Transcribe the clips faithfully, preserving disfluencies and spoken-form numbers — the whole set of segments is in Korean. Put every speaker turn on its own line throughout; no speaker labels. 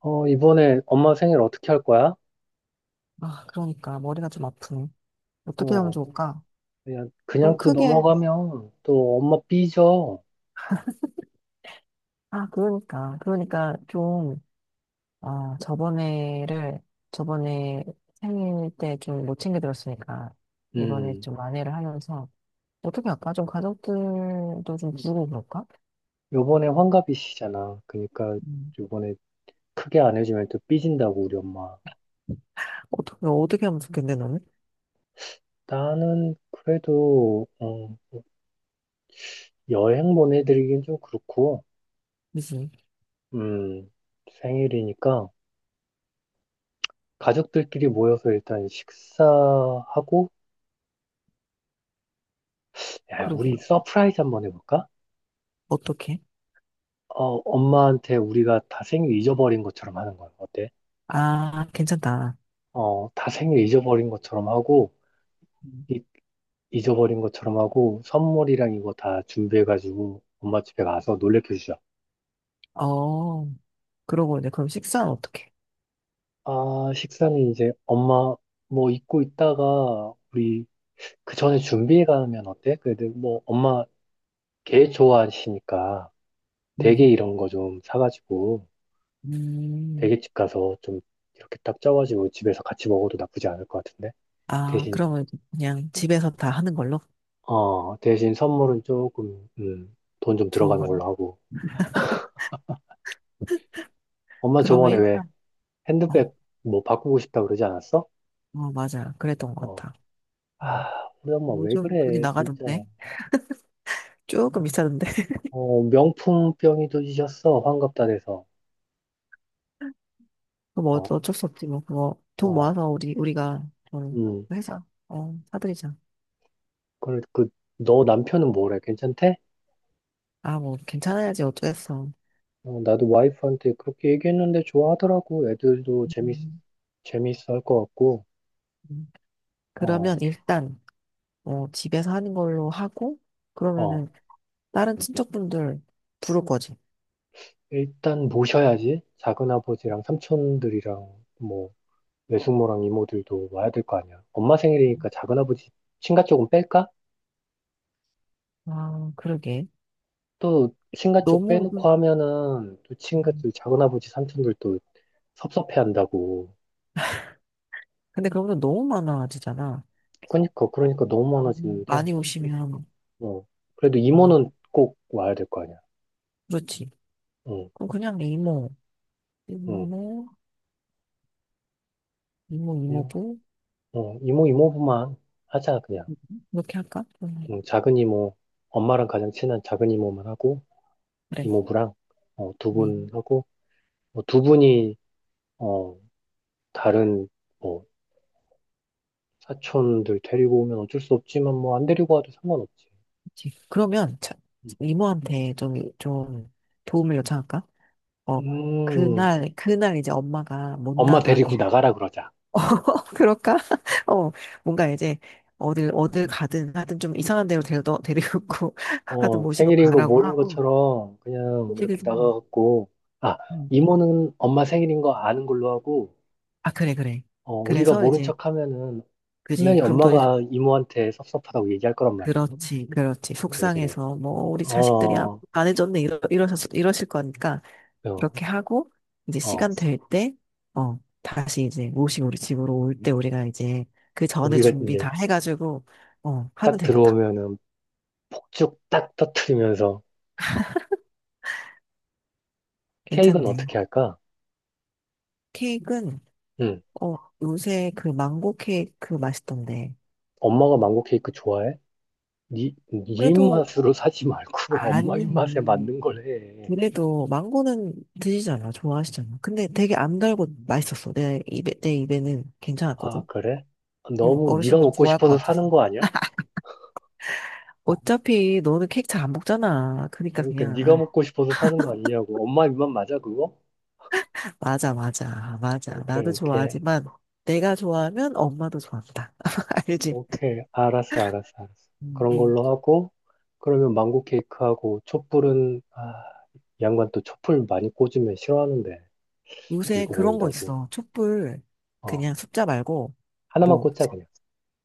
어, 이번에 엄마 생일 어떻게 할 거야?
아, 그러니까 머리가 좀 아프네. 어떻게 하면
어,
좋을까?
그냥,
좀
그냥 또
크게.
넘어가면 또 엄마 삐져.
아, 그러니까. 그러니까 좀, 아, 저번에를, 저번에 생일 때 좀 못 챙겨 들었으니까, 이번에
음,
좀 만회를 하면서, 어떻게 할까? 좀 가족들도 좀 부르고 그럴까?
요번에 환갑이시잖아. 그러니까
음.
요번에 크게 안 해주면 또 삐진다고, 우리 엄마.
어떻게, 어떻게 하면 좋겠네, 너는?
나는 그래도, 어, 여행 보내드리긴 좀 그렇고,
그지?
음, 생일이니까 가족들끼리 모여서 일단 식사하고, 야, 우리
그러게.
서프라이즈 한번 해볼까?
어떻게?
어, 엄마한테 우리가 다 생일 잊어버린 것처럼 하는 거야. 어때?
아, 괜찮다.
어, 다 생일 잊어버린 것처럼 하고,
음.
이- 잊어버린 것처럼 하고, 선물이랑 이거 다 준비해가지고, 엄마 집에 가서 놀래켜 주자.
어, 그러고 이제 그럼 식사는 어떻게?
아, 식사는 이제 엄마 뭐 잊고 있다가, 우리 그 전에 준비해 가면 어때? 그래도 뭐 엄마 게 좋아하시니까, 대게
음.
이런 거 좀 사가지고,
음.
대게집 가서 좀 이렇게 딱 쪄가지고 집에서 같이 먹어도 나쁘지 않을 것 같은데?
아,
대신,
그러면 이제 그냥 집에서 다 하는 걸로?
어, 대신 선물은 조금, 음, 돈좀
좋은
들어가는
걸로?
걸로 하고. 엄마
그러면
저번에 왜
일단, 어,
핸드백 뭐 바꾸고 싶다 그러지 않았어?
어, 맞아. 그랬던 것
어.
같아. 음.
아, 우리 엄마 왜
요즘 돈이
그래, 진짜.
나가던데? 조금 비싸던데?
어, 명품병이 도지셨어, 환갑다 돼서.
그럼 뭐
어,
어쩔 수 없지, 뭐. 그거 돈
어,
모아서 우리, 우리가 좀
음.
회사, 어, 사드리자.
그래, 그, 너 남편은 뭐래? 괜찮대?
아, 뭐, 괜찮아야지. 어쩌겠어.
어, 나도 와이프한테 그렇게 얘기했는데 좋아하더라고. 애들도 재밌,
음,
재밌어 할 것 같고.
음. 그러면
어,
일단, 어, 집에서 하는 걸로 하고,
어.
그러면은 다른 친척분들 부를 거지.
일단 모셔야지. 작은아버지랑 삼촌들이랑 뭐, 외숙모랑 이모들도 와야 될 거 아니야. 엄마 생일이니까 작은아버지 친가 쪽은 뺄까?
아, 그러게.
또 친가 쪽
너무,
빼놓고 하면은 또
음.
친가들 작은아버지 삼촌들 또 섭섭해한다고.
근데 그런 건 너무 많아지잖아.
그러니까 그러니까 너무
음,
많아지는데.
많이 오시면,
어 그래도
음,
이모는 꼭 와야 될 거 아니야.
그렇지.
응,
그럼 그냥 이모,
응.
이모, 이모,
그냥
이모부,
어 이모 이모부만 하자 그냥.
이렇게 할까? 음,
응, 작은 이모 엄마랑 가장 친한 작은 이모만 하고
그래.
이모부랑 어, 두
음,
분하고 어, 두 분이 어 다른 뭐 사촌들 데리고 오면 어쩔 수 없지만 뭐 안 데리고 와도 상관없지.
그렇지. 그러면 자,
응.
이모한테 좀, 좀 도움을 요청할까? 어,
음.
그날, 그날 이제 엄마가 못
엄마 데리고
나가게.
나가라 그러자.
어, 그럴까? 어, 뭔가 이제 어딜, 어딜 가든 하여튼 좀 이상한 데로 데려, 데리고 하여튼
어,
모시고
생일인 거
가라고
모른
하고.
것처럼 그냥
그지,
이렇게
그지.
나가갖고, 아,
음.
이모는 엄마 생일인 거 아는 걸로 하고,
아, 그래, 그래.
어, 우리가
그래서
모른
이제,
척 하면은
그지.
분명히
그럼 또
엄마가 이모한테 섭섭하다고 얘기할 거란 말이야.
그렇지, 그렇지.
그래, 그래.
속상해서, 뭐, 우리 자식들이 아-
어,
안 해줬네, 이러, 이러셨, 이러실 거니까,
어,
그렇게 하고, 이제
어.
시간 될 때, 어, 다시 이제 모시고 우리 집으로 올 때 우리가 이제 그 전에
우리가
준비
이제
다 해가지고, 어, 하면
딱
되겠다.
들어오면은 폭죽 딱 터트리면서 케이크는
괜찮네.
어떻게 할까?
케이크는,
응.
어, 요새 그 망고 케이크 맛있던데.
엄마가 망고 케이크 좋아해? 니, 니
그래도,
입맛으로 사지 말고 엄마 입맛에
안,
맞는 걸 해.
그래도 망고는 드시잖아, 좋아하시잖아. 근데 되게 안 달고 맛있었어. 내 입에, 내 입에는
아,
괜찮았거든.
그래?
응,
너무 네가
어르신분이
먹고
좋아할 것
싶어서
같아서.
사는 거 아니야? 어,
어차피 너는 케이크 잘 안 먹잖아. 그러니까
그러니까 네가
그냥
먹고 싶어서 사는 거 아니냐고. 엄마 입맛 맞아, 그거?
아, 맞아, 맞아, 맞아.
오케이,
나도
오케이.
좋아하지만 내가 좋아하면 엄마도 좋아한다. 알지?
오케이. 알았어, 알았어, 알았어.
응,
그런
응.
걸로 하고, 그러면 망고 케이크하고, 촛불은, 아, 이 양반 또 촛불 많이 꽂으면 싫어하는데,
요새
늙어
그런 거
보인다고.
있어. 촛불
어,
그냥 숫자 말고
하나만
뭐,
꽂자, 그냥.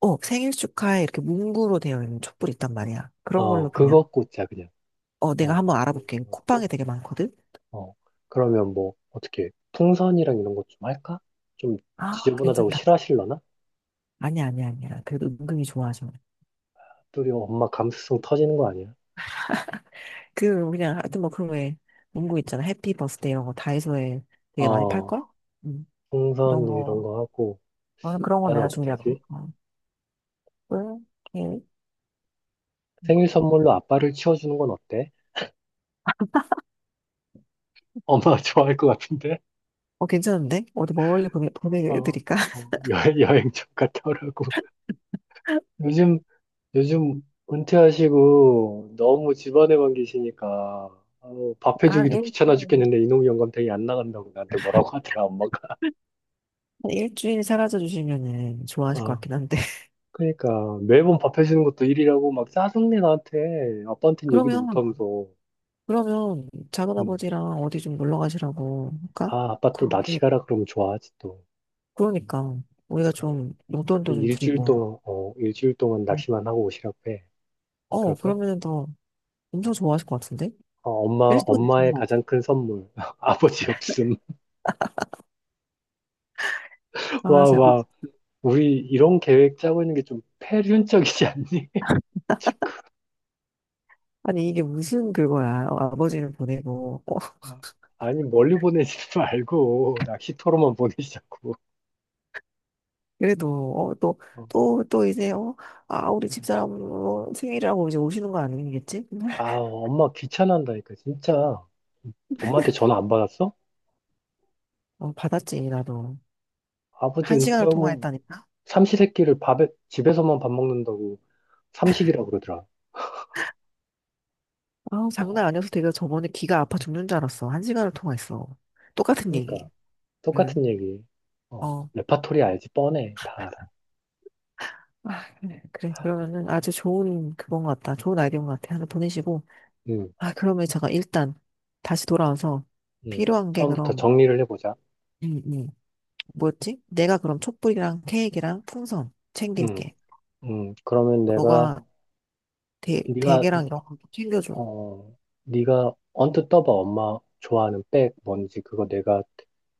어, 생일 축하해 이렇게 문구로 되어 있는 촛불 있단 말이야. 그런 걸로
어,
그냥
그거 꽂자, 그냥.
어, 내가
어,
한번
그거
알아볼게.
꽂고,
쿠팡에 되게 많거든.
어. 그러면 뭐, 어떻게, 풍선이랑 이런 것 좀 할까? 좀
아,
지저분하다고
괜찮다.
싫어하실려나?
아니야, 아니야, 아니야. 그래도 은근히 좋아하셔.
둘이 뭐 엄마 감수성 터지는 거 아니야?
그 그냥 하여튼 뭐 그런 에 문구 있잖아. 해피 버스데이 이런 거 다이소에 되게 많이 팔
어,
걸? 음, 그런
풍선 이런
거.
거 하고
나는 그런 거
아빠는
내가
어떻게
준비할게.
하지?
어, 꿀, 케이크. 이런 거.
생일 선물로 아빠를 치워주는 건 어때? 엄마 좋아할 것 같은데?
어, 괜찮은데? 어디 멀리 보내,
막
보내드릴까?
어, 여행, 여행 좀 갔다 오라고. 요즘, 요즘 은퇴하시고 너무 집안에만 계시니까 아우, 밥
그러니까 한
해주기도
일,
귀찮아 죽겠는데 이놈 영감탱이 안 나간다고 나한테 뭐라고 하더라, 엄마가.
한 일주일 사라져 주시면은 좋아하실 것
어,
같긴 한데.
그러니까 매번 밥 해주는 것도 일이라고 막 짜증내 나한테 아빠한테는 얘기도
그러면,
못하면서.
그러면 작은
음.
아버지랑 어디 좀 놀러 가시라고 할까?
아, 아빠
그-
또 낚시
예,
가라 그러면 좋아하지 또.
그러니까 우리가
그래.
좀 용돈도
한
좀
일주일
드리고.
동안, 어, 일주일 동안
음.
낚시만 하고 오시라고 해.
어,
그럴까?
그러면은 더 엄청
어,
좋아하실 것 같은데?
어, 엄마,
일도일
엄마의
동안
가장 큰 선물. 아버지 없음. 와,
강아지
와. 우리 이런 계획 짜고 있는 게 좀 패륜적이지 않니?
아니, 이게 무슨 그거야. 어, 아버지를 보내고, 어,
아, 아니, 멀리 보내지 말고, 낚시터로만 보내시자고.
그래도, 어, 또,
어.
또, 또 이제, 어, 아, 우리 집사람 어, 생일이라고 이제 오시는 거 아니겠지?
아, 엄마 귀찮아한다니까, 진짜. 엄마한테 전화 안 받았어?
어, 받았지, 나도.
아버지
한 시간을
은퇴하고
통화했다니까?
삼시세끼를 밥에, 집에서만 밥 먹는다고. 삼식이라고 그러더라.
아
어,
장난 아니어서 내가 저번에 귀가 아파 죽는 줄 알았어. 한 시간을 통화했어. 똑같은
그러니까
얘기.
똑같은
응,
얘기. 어,
어.
레파토리 알지 뻔해. 다 알아.
아, 그래. 그래. 그러면은 아주 좋은 그건 것 같다. 좋은 아이디어인 것 같아. 하나 보내시고.
음,
아, 그러면 제가 일단 다시 돌아와서
음.
필요한 게
처음부터
그럼,
정리를 해보자.
음, 음. 뭐였지? 내가 그럼 촛불이랑 케이크랑 풍선
음,
챙길게.
음. 그러면 내가
너가 대, 대게랑
네가
이런 거 챙겨줘.
어, 네가 언뜻 떠봐. 엄마 좋아하는 백 뭔지 그거 내가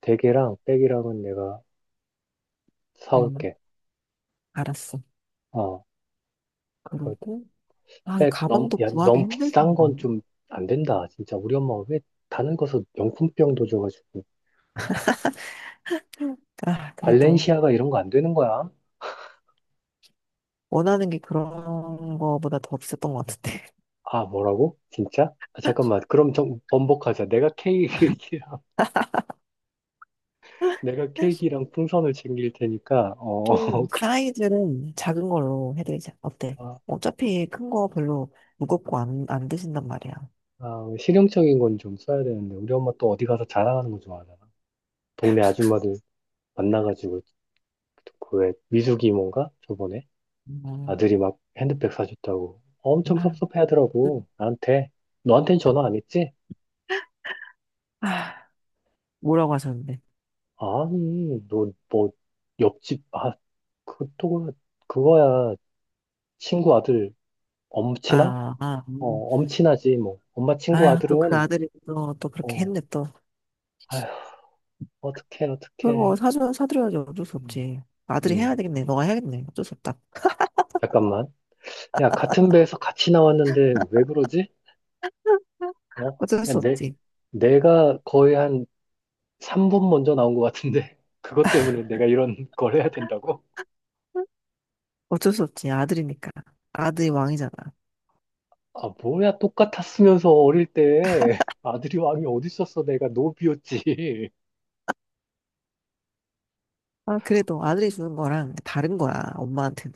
대게랑 백이랑은 내가
응,
사올게.
알았어.
어,
그리고, 아,
그백 너무
가방도
야,
구하기
너무
힘들
비싼 건
텐데.
좀 안 된다. 진짜 우리 엄마 왜 다른 거서 명품병도 줘가지고
아, 그래도
발렌시아가 이런 거 안 되는 거야.
원하는 게 그런 거보다 더 없었던 것 같은데.
아, 뭐라고? 진짜? 아, 잠깐만. 그럼 좀 번복하자. 내가 케이크랑, 내가 케이크랑 풍선을 챙길 테니까, 어,
좀
그-
사이즈는 작은 걸로 해드리자. 어때?
아,
어차피 큰 거 별로 무겁고 안, 안 드신단 말이야.
아, 실용적인 건 좀 써야 되는데, 우리 엄마 또 어디 가서 자랑하는 거 좋아하잖아. 동네 아줌마들 만나가지고, 그왜 미숙이 뭔가? 저번에
음,
아들이 막 핸드백 사줬다고. 엄청
음.
섭섭해 하더라고. 나한테. 너한텐 전화 안 했지?
아, 뭐라고 하셨는데?
아니, 너, 뭐, 옆집, 아, 그또 그거야. 친구 아들 엄친아?
아, 아.
어,
음.
엄친하지, 뭐. 엄마 친구
아유, 또 그
아들은,
아들이 또, 또 그렇게
어,
했네, 또.
아휴, 어떡해,
그거
어떡해.
사주, 사드려야지 어쩔 수
음,
없지. 아들이 해야
음,
되겠네. 너가 해야겠네. 어쩔 수 없다.
잠깐만. 야, 같은 배에서 같이 나왔는데 왜 그러지? 어?
어쩔
야,
수
내,
없지.
내가 거의 한 삼 분 먼저 나온 것 같은데. 그것 때문에 내가 이런 걸 해야 된다고?
어쩔 수 없지. 아들이니까. 아들이 왕이잖아.
아, 뭐야, 똑같았으면서 어릴 때. 아들이 왕이 어디 있었어? 내가 노비였지.
아, 그래도
어?
아들이 주는 거랑 다른 거야. 엄마한테는.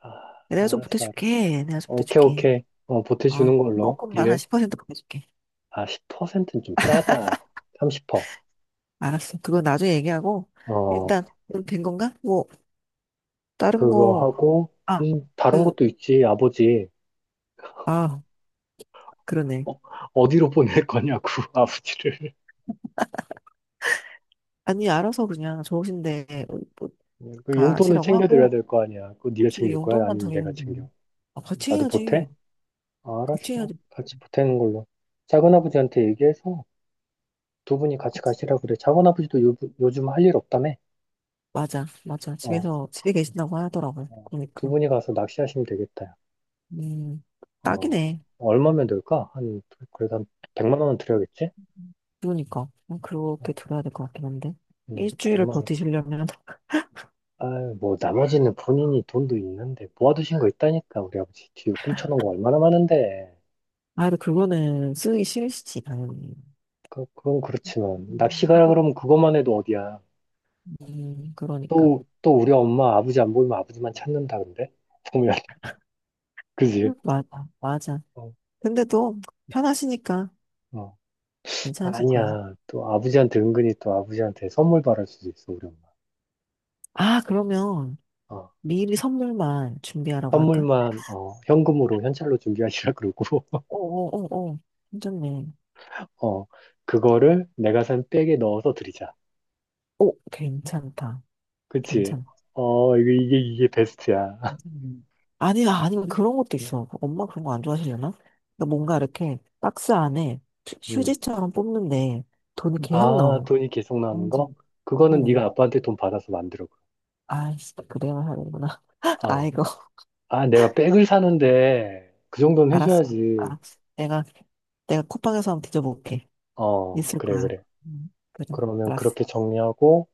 아,
내가 좀
알았어, 알았어.
보태줄게. 내가 좀
오케이,
보태줄게.
오케이. 어,
아,
보태주는 걸로.
조금만 한
딜.
십 퍼센트 보태줄게.
아, 십 퍼센트는 좀 짜다. 삼십 퍼센트.
알았어. 그건 나중에 얘기하고.
어,
일단, 그럼 된 건가? 뭐, 다른
그거
거,
하고,
아,
음, 다른
그,
것도 있지, 아버지.
아, 그러네.
어, 어디로 보낼 거냐고, 아버지를.
아니, 알아서 그냥 좋으신데, 뭐, 뭐
그 용돈은
가시라고
챙겨드려야
하고,
될 거 아니야. 그거 네가
굳이
챙길 거야?
용돈만
아니면 내가
드리면
챙겨?
돼요. 아, 같이
나도
해야지.
보태? 아,
같이
알았어.
해야지.
같이 보태는 걸로.
음,
작은아버지한테 얘기해서 두 분이 같이
같이.
가시라 그래. 작은아버지도 요, 요즘 할 일 없다며?
맞아, 맞아.
어,
집에서, 집에 계신다고 하더라고요.
어. 두
그러니까.
분이 가서 낚시하시면 되겠다.
음,
어,
딱이네.
얼마면 될까? 한, 그래도 한 백만 원은 드려야겠지?
그러니까. 음, 그렇게
어,
들어야 될 것 같긴 한데.
음,
일주일을
백만 원.
버티시려면,
아유, 뭐, 나머지는 본인이 돈도 있는데, 모아두신 거 있다니까, 우리 아버지. 뒤로 꿈쳐놓은 거 얼마나 많은데.
아, 근데 그거는 쓰기 싫으시지, 당연히.
그, 그건 그렇지만, 낚시
음,
가라
하고,
그러면 그것만 해도 어디야.
음, 그러니까.
또, 또 우리 엄마, 아버지 안 보이면 아버지만 찾는다, 근데? 보면, 그지?
맞아, 맞아.
어,
근데 또, 편하시니까
어.
괜찮으실 거야.
아니야. 또 아버지한테 은근히 또 아버지한테 선물 바랄 수도 있어, 우리 엄마.
아, 그러면,
어,
미리 선물만 준비하라고 할까?
선물만, 어, 현금으로, 현찰로 준비하시라 그러고,
어어어어. 괜찮네.
어, 그거를 내가 산 백에 넣어서 드리자.
오, 괜찮다.
그치?
괜찮아.
어, 이게, 이게, 이게 베스트야.
괜찮네. 아니야, 아니면 그런 것도 있어. 엄마 그런 거 안 좋아하시려나? 그러니까 뭔가 이렇게 박스 안에 휴- 휴지처럼 뽑는데 돈이 계속
아,
나오는 거.
돈이 계속 나오는
엄지.
거? 그거는 네가
응.
아빠한테 돈 받아서 만들어.
아이씨, 그래야 하는구나.
어.
아이고,
아, 내가 백을 사는데 그 정도는
알았어.
해줘야지.
아, 내가, 내가 쿠팡에서 한번 뒤져볼게.
어,
있을
그래,
거야.
그래.
응, 그래,
그러면
알았어.
그렇게 정리하고,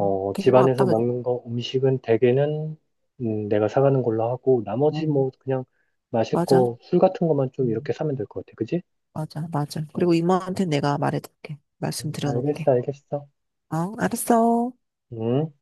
응. 된거 같다,
집안에서
그래.
먹는 거, 음식은 대개는 음, 내가 사가는 걸로 하고, 나머지
응,
뭐 그냥 마실
맞아.
거, 술 같은 것만 좀
응.
이렇게 사면 될 것 같아. 그지?
맞아, 맞아.
응.
그리고 이모한테 내가 말해줄게.
응.
말씀드려놓을게.
알겠어, 알겠어.
어, 알았어.
응?